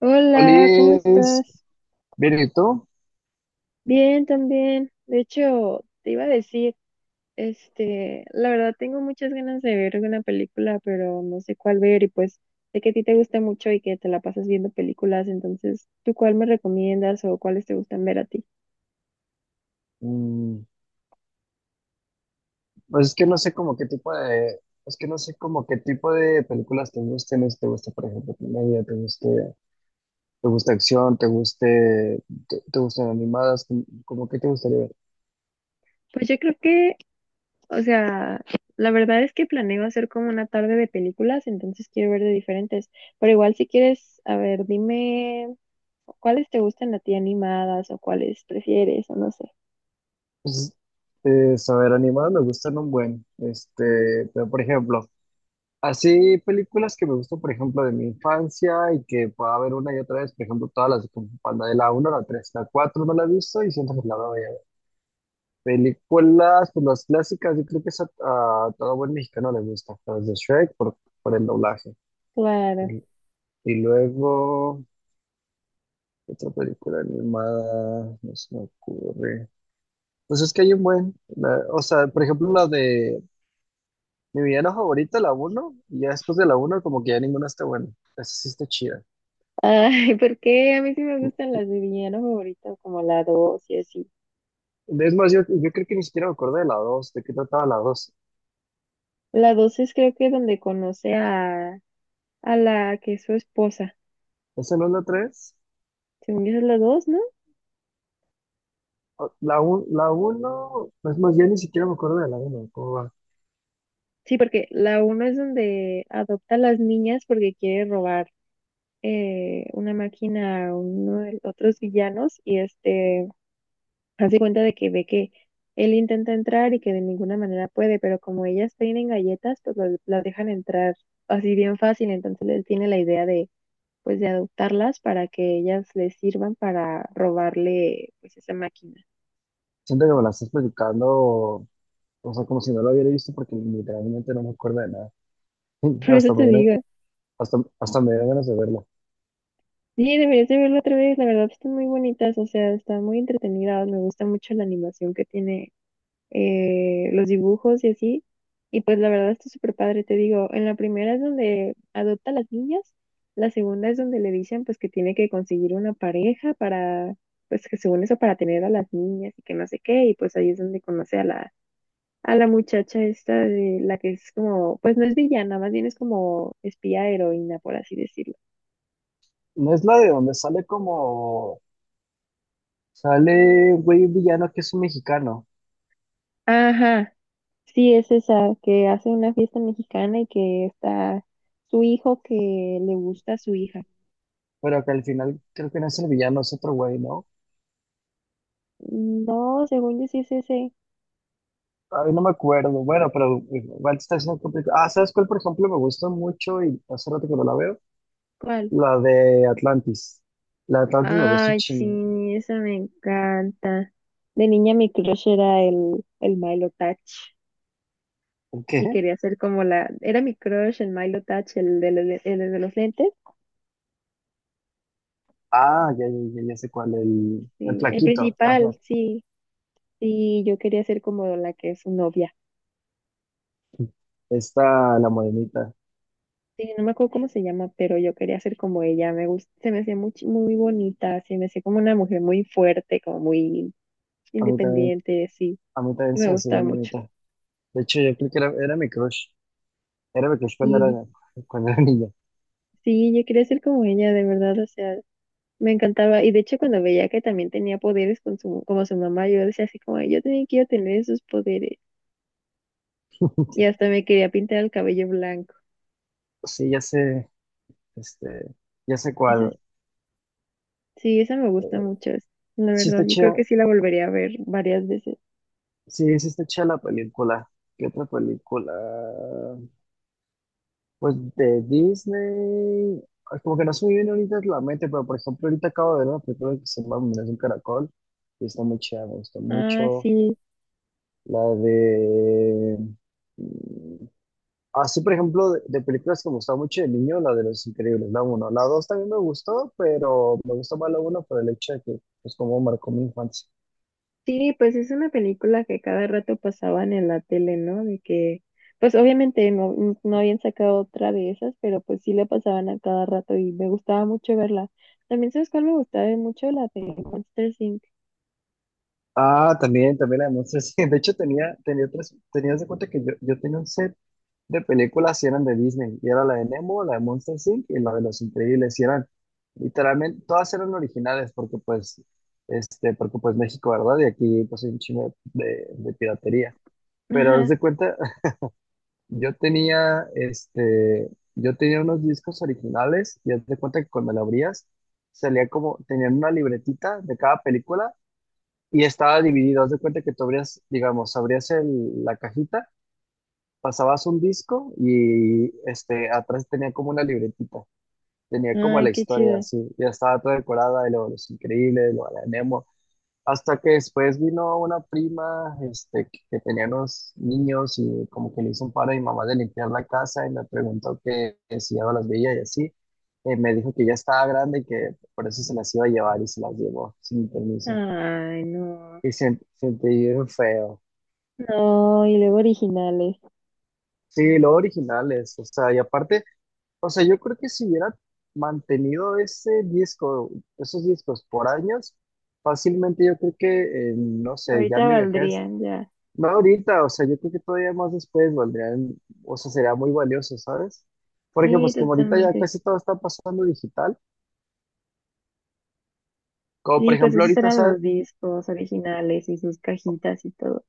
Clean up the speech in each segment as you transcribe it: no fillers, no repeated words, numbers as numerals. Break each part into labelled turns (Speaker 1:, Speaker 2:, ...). Speaker 1: Hola, ¿cómo
Speaker 2: Olis,
Speaker 1: estás?
Speaker 2: bien, ¿y tú?
Speaker 1: Bien, también. De hecho, te iba a decir, la verdad tengo muchas ganas de ver una película, pero no sé cuál ver y pues sé que a ti te gusta mucho y que te la pasas viendo películas, entonces, ¿tú cuál me recomiendas o cuáles te gustan ver a ti?
Speaker 2: Mm, pues es que no sé como qué tipo es que no sé como qué tipo de películas te gusten, si te gusta, por ejemplo, comedia, te gusta acción, te gustan animadas, como qué te gustaría ver.
Speaker 1: Pues yo creo que, o sea, la verdad es que planeo hacer como una tarde de películas, entonces quiero ver de diferentes, pero igual si quieres, a ver, dime cuáles te gustan a ti animadas o cuáles prefieres o no sé.
Speaker 2: Pues, saber animadas me gustan un buen, pero por ejemplo, así películas que me gustan, por ejemplo, de mi infancia y que pueda ver una y otra vez, por ejemplo, todas las de Kung Fu Panda, de la 1 a la 3, la 4 no la he visto y siento que la veo. Películas, pues las clásicas, yo creo que a todo buen mexicano le gusta, las de Shrek por el doblaje.
Speaker 1: Claro.
Speaker 2: Y, luego otra película animada, no se me ocurre. Pues es que hay un buen, o sea, por ejemplo, la de mi villano favorita, la uno, y ya después de la uno como que ya ninguna está buena, esa sí está chida.
Speaker 1: Ay, porque a mí sí me gustan las de villano favorito, como la 2 y así.
Speaker 2: Es más, yo creo que ni siquiera me acuerdo de la dos, de qué trataba la dos.
Speaker 1: La 2 es creo que donde conoce a la que es su esposa.
Speaker 2: ¿Esa no es la 3?
Speaker 1: Según yo esa es la dos, ¿no?
Speaker 2: La uno es más, yo ni siquiera me acuerdo de la 1.
Speaker 1: Sí, porque la uno es donde adopta a las niñas porque quiere robar una máquina a uno de los otros villanos y este hace cuenta de que ve que él intenta entrar y que de ninguna manera puede, pero como ellas tienen galletas, pues las dejan entrar así bien fácil, entonces él tiene la idea de pues de adoptarlas para que ellas les sirvan para robarle pues esa máquina.
Speaker 2: Siento que me la estás platicando, o sea, como si no lo hubiera visto porque literalmente no me acuerdo de nada.
Speaker 1: Por eso
Speaker 2: Hasta me
Speaker 1: te
Speaker 2: dieron,
Speaker 1: digo,
Speaker 2: hasta me dieron ganas de verla.
Speaker 1: sí, deberías de verlo otra vez, la verdad están muy bonitas, o sea, están muy entretenidas, me gusta mucho la animación que tiene, los dibujos y así, y pues la verdad está súper padre, te digo, en la primera es donde adopta a las niñas, la segunda es donde le dicen pues que tiene que conseguir una pareja para, pues que según eso para tener a las niñas y que no sé qué, y pues ahí es donde conoce a la muchacha esta de la que es como, pues no es villana, más bien es como espía heroína, por así decirlo.
Speaker 2: No es la de donde sale como, sale un güey villano que es un mexicano,
Speaker 1: Ajá, sí, es esa que hace una fiesta mexicana y que está su hijo que le gusta a su hija.
Speaker 2: pero que al final creo que no es el villano, es otro güey, ¿no?
Speaker 1: No, según yo sí es ese.
Speaker 2: Ay, no me acuerdo. Bueno, pero igual te está haciendo complicado. Ah, ¿sabes cuál, por ejemplo, me gusta mucho y hace rato que no la veo?
Speaker 1: ¿Cuál?
Speaker 2: La de Atlantis. La de Atlantis me gusta un
Speaker 1: Ay,
Speaker 2: chingo.
Speaker 1: sí, esa me encanta. De niña mi crush era el Milo Touch
Speaker 2: ¿Por
Speaker 1: y
Speaker 2: qué?
Speaker 1: quería ser como la, era mi crush el Milo Touch, el de los lentes.
Speaker 2: Ah, ya, ya, ya, ya sé cuál, el
Speaker 1: Sí, el
Speaker 2: flaquito.
Speaker 1: principal, sí. Sí, yo quería ser como la que es su novia.
Speaker 2: Esta, la morenita.
Speaker 1: Sí, no me acuerdo cómo se llama, pero yo quería ser como ella. Me gusta, se me hacía muy, chi- muy bonita, se me hacía como una mujer muy fuerte, como muy
Speaker 2: A mí también,
Speaker 1: independiente, sí,
Speaker 2: a mí también
Speaker 1: y
Speaker 2: se
Speaker 1: me
Speaker 2: me hacía
Speaker 1: gustaba
Speaker 2: bien
Speaker 1: mucho.
Speaker 2: bonita. De hecho, yo creo que era mi crush. Era mi crush cuando
Speaker 1: Y
Speaker 2: cuando era niño.
Speaker 1: sí, yo quería ser como ella, de verdad, o sea, me encantaba. Y de hecho, cuando veía que también tenía poderes con su, como su mamá, yo decía así como, "Ay, yo también quiero tener esos poderes. Y hasta me quería pintar el cabello blanco."
Speaker 2: Sí, ya sé, este, ya sé
Speaker 1: Esa-
Speaker 2: cuál.
Speaker 1: sí, esa me gusta
Speaker 2: Eh,
Speaker 1: mucho. Es- La
Speaker 2: sí
Speaker 1: verdad,
Speaker 2: está
Speaker 1: yo creo
Speaker 2: chida,
Speaker 1: que sí la volvería a ver varias veces.
Speaker 2: sí, sí está chida la película. ¿Qué otra película? Pues de Disney. Ay, como que no se muy bien ahorita la mente, pero por ejemplo, ahorita acabo de ver una película que se llama Me nace un caracol. Y está muy chida, me gustó
Speaker 1: Ah,
Speaker 2: mucho.
Speaker 1: sí.
Speaker 2: La de... Así, por ejemplo, de películas que me gustaba mucho de niño, la de Los Increíbles, la uno. La 2 también me gustó, pero me gustó más la uno por el hecho de que, pues, como marcó mi infancia.
Speaker 1: Sí, pues es una película que cada rato pasaban en la tele, ¿no? De que, pues obviamente no, n- no habían sacado otra de esas, pero pues sí la pasaban a cada rato y me gustaba mucho verla. También, ¿sabes cuál me gustaba mucho? La de Monsters Inc.
Speaker 2: Ah, también, también la de Monsters. De hecho, tenías de cuenta que yo tenía un set de películas y eran de Disney. Y era la de Nemo, la de Monsters Inc. y la de Los Increíbles. Y eran, literalmente, todas eran originales porque, pues, porque, pues, México, ¿verdad? Y aquí, pues, hay un chingo de piratería. Pero haz
Speaker 1: Ajá.
Speaker 2: de cuenta, yo tenía, yo tenía unos discos originales y haz de cuenta que cuando lo abrías, salía como, tenían una libretita de cada película y estaba dividido. Haz de cuenta que tú abrías, digamos, abrías la cajita, pasabas un disco y este, atrás tenía como una libretita. Tenía como
Speaker 1: Ay,
Speaker 2: la
Speaker 1: qué
Speaker 2: historia
Speaker 1: chido.
Speaker 2: así, ya estaba toda decorada, de lo de los increíbles, lo de la... Hasta que después vino una prima, que tenía unos niños y como que le hizo un paro a mi mamá de limpiar la casa y me preguntó que si ya no las veía y así. Me dijo que ya estaba grande y que por eso se las iba a llevar y se las llevó sin mi permiso.
Speaker 1: Ay, no.
Speaker 2: Y sentí bien feo.
Speaker 1: No, y luego originales.
Speaker 2: Sí, lo original es, o sea, y aparte, o sea, yo creo que si hubiera mantenido ese disco, esos discos por años, fácilmente yo creo que, no sé, ya
Speaker 1: Ahorita
Speaker 2: en mi vejez...
Speaker 1: valdrían ya.
Speaker 2: No ahorita, o sea, yo creo que todavía más después valdrían, o sea, sería muy valioso, ¿sabes? Porque
Speaker 1: Sí,
Speaker 2: pues como ahorita ya
Speaker 1: totalmente.
Speaker 2: casi todo está pasando digital, como por
Speaker 1: Sí, pues
Speaker 2: ejemplo
Speaker 1: esos
Speaker 2: ahorita,
Speaker 1: eran los discos originales y sus cajitas y todo.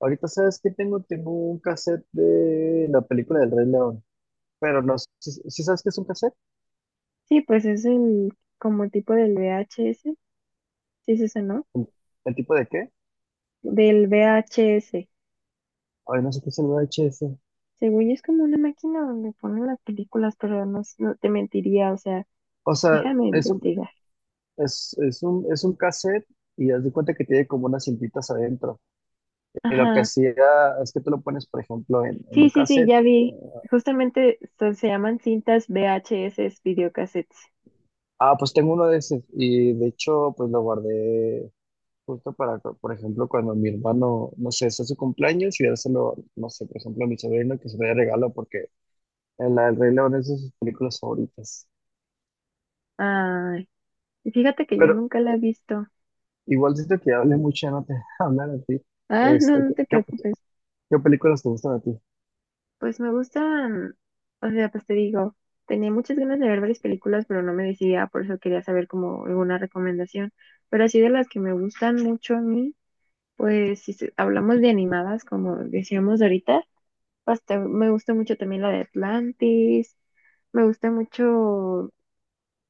Speaker 2: ahorita, ¿sabes que tengo? Tengo un cassette de la película del Rey León, pero no sé, si sabes qué es un cassette.
Speaker 1: Sí, pues es el como tipo del VHS, sí es eso, ¿no?
Speaker 2: ¿El, el tipo de qué?
Speaker 1: Del VHS.
Speaker 2: Ay, no sé qué es el VHS.
Speaker 1: Según yo es como una máquina donde ponen las películas, pero no, s- no te mentiría, o sea,
Speaker 2: O sea,
Speaker 1: déjame
Speaker 2: es un,
Speaker 1: investigar.
Speaker 2: es un, es un cassette y haz de cuenta que tiene como unas cintitas adentro. Y lo que
Speaker 1: Ajá.
Speaker 2: hacía es que tú lo pones, por ejemplo, en un
Speaker 1: Sí, sí, sí,
Speaker 2: cassette.
Speaker 1: ya vi. Justamente so- se llaman cintas VHS, videocassettes.
Speaker 2: Ah, pues tengo uno de esos y de hecho pues lo guardé justo para, por ejemplo, cuando mi hermano, no sé, es su cumpleaños y dárselo, no sé, por ejemplo, a mi sobrino que se lo dé regalo porque en la del Rey León es de sus películas favoritas.
Speaker 1: Ay, y fíjate que yo
Speaker 2: Pero
Speaker 1: nunca la he visto.
Speaker 2: igual siento que hablé mucho, ya no te hablar a ti.
Speaker 1: Ah, no,
Speaker 2: Este,
Speaker 1: no
Speaker 2: ¿qué,
Speaker 1: te
Speaker 2: qué-
Speaker 1: preocupes.
Speaker 2: qué películas te gustan a ti?
Speaker 1: Pues me gustan, o sea, pues te digo, tenía muchas ganas de ver varias películas, pero no me decidía, por eso quería saber como alguna recomendación. Pero así de las que me gustan mucho a mí, pues si se- hablamos de animadas, como decíamos ahorita, pues te- me gusta mucho también la de Atlantis, me gusta mucho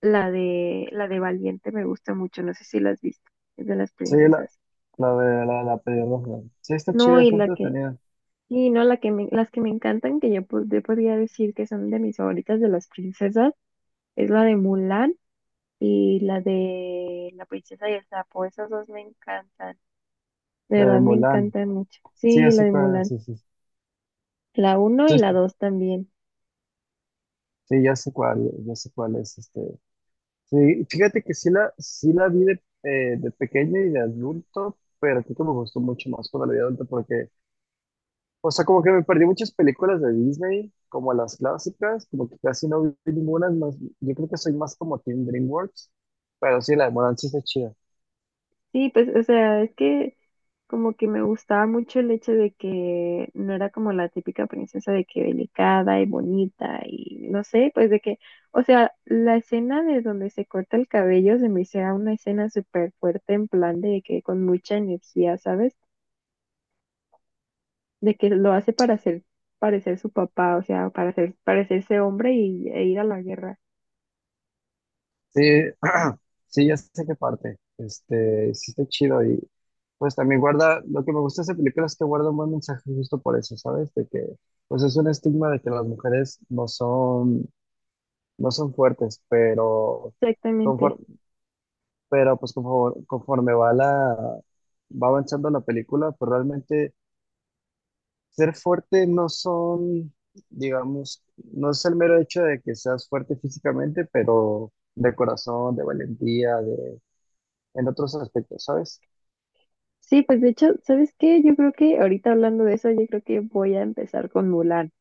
Speaker 1: la de Valiente, me gusta mucho, no sé si la has visto, es de las
Speaker 2: Sí,
Speaker 1: princesas.
Speaker 2: la de la pelirroja. Sí, está
Speaker 1: No,
Speaker 2: chida,
Speaker 1: y
Speaker 2: está
Speaker 1: la que
Speaker 2: entretenida.
Speaker 1: y no, la que me, las que me encantan, que yo, po- yo podría decir que son de mis favoritas de las princesas, es la de Mulan y la de La princesa y el sapo. Esas dos me encantan. De
Speaker 2: La de
Speaker 1: verdad me
Speaker 2: Mulan.
Speaker 1: encantan mucho.
Speaker 2: Sí, ya
Speaker 1: Sí, la
Speaker 2: sé
Speaker 1: de
Speaker 2: cuál,
Speaker 1: Mulan.
Speaker 2: sí, sí.
Speaker 1: La uno
Speaker 2: Sí,
Speaker 1: y la dos también.
Speaker 2: sí, ya sé cuál es este. Sí, fíjate que sí la vi de pequeño y de adulto, pero creo que me gustó mucho más cuando la vi de adulto porque, o sea, como que me perdí muchas películas de Disney, como las clásicas, como que casi no vi ninguna, es más, yo creo que soy más como Team DreamWorks, pero sí, la de Mulan sí está chida.
Speaker 1: Sí, pues, o sea, es que como que me gustaba mucho el hecho de que no era como la típica princesa de que delicada y bonita y no sé, pues de que, o sea, la escena de donde se corta el cabello se me hiciera una escena súper fuerte en plan de que con mucha energía, ¿sabes? De que lo hace para hacer parecer su papá, o sea, para hacer parecerse hombre y e ir a la guerra.
Speaker 2: Sí, sí, ya sé qué parte, sí está chido y pues también guarda, lo que me gusta de esa película es que guarda un buen mensaje justo por eso, ¿sabes? De que, pues es un estigma de que las mujeres no son... No son fuertes, pero,
Speaker 1: Exactamente.
Speaker 2: conforme, pero pues conforme va la, va avanzando la película, pues realmente ser fuerte no son, digamos, no es el mero hecho de que seas fuerte físicamente, pero de corazón, de valentía, de, en otros aspectos, ¿sabes?
Speaker 1: Sí, pues de hecho, ¿sabes qué? Yo creo que ahorita hablando de eso, yo creo que voy a empezar con Mulan,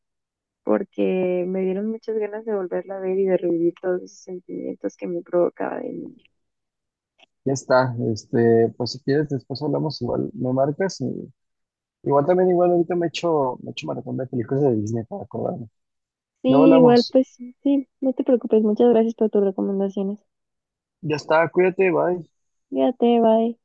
Speaker 1: porque me dieron muchas ganas de volverla a ver y de revivir todos esos sentimientos que me provocaba de niña.
Speaker 2: Ya está, pues si quieres después hablamos, igual me marcas y igual también igual ahorita me echo maratón de películas de Disney para acordarme.
Speaker 1: Sí,
Speaker 2: Luego
Speaker 1: igual,
Speaker 2: hablamos.
Speaker 1: pues sí, no te preocupes. Muchas gracias por tus recomendaciones.
Speaker 2: Ya está, cuídate, bye.
Speaker 1: Cuídate, bye.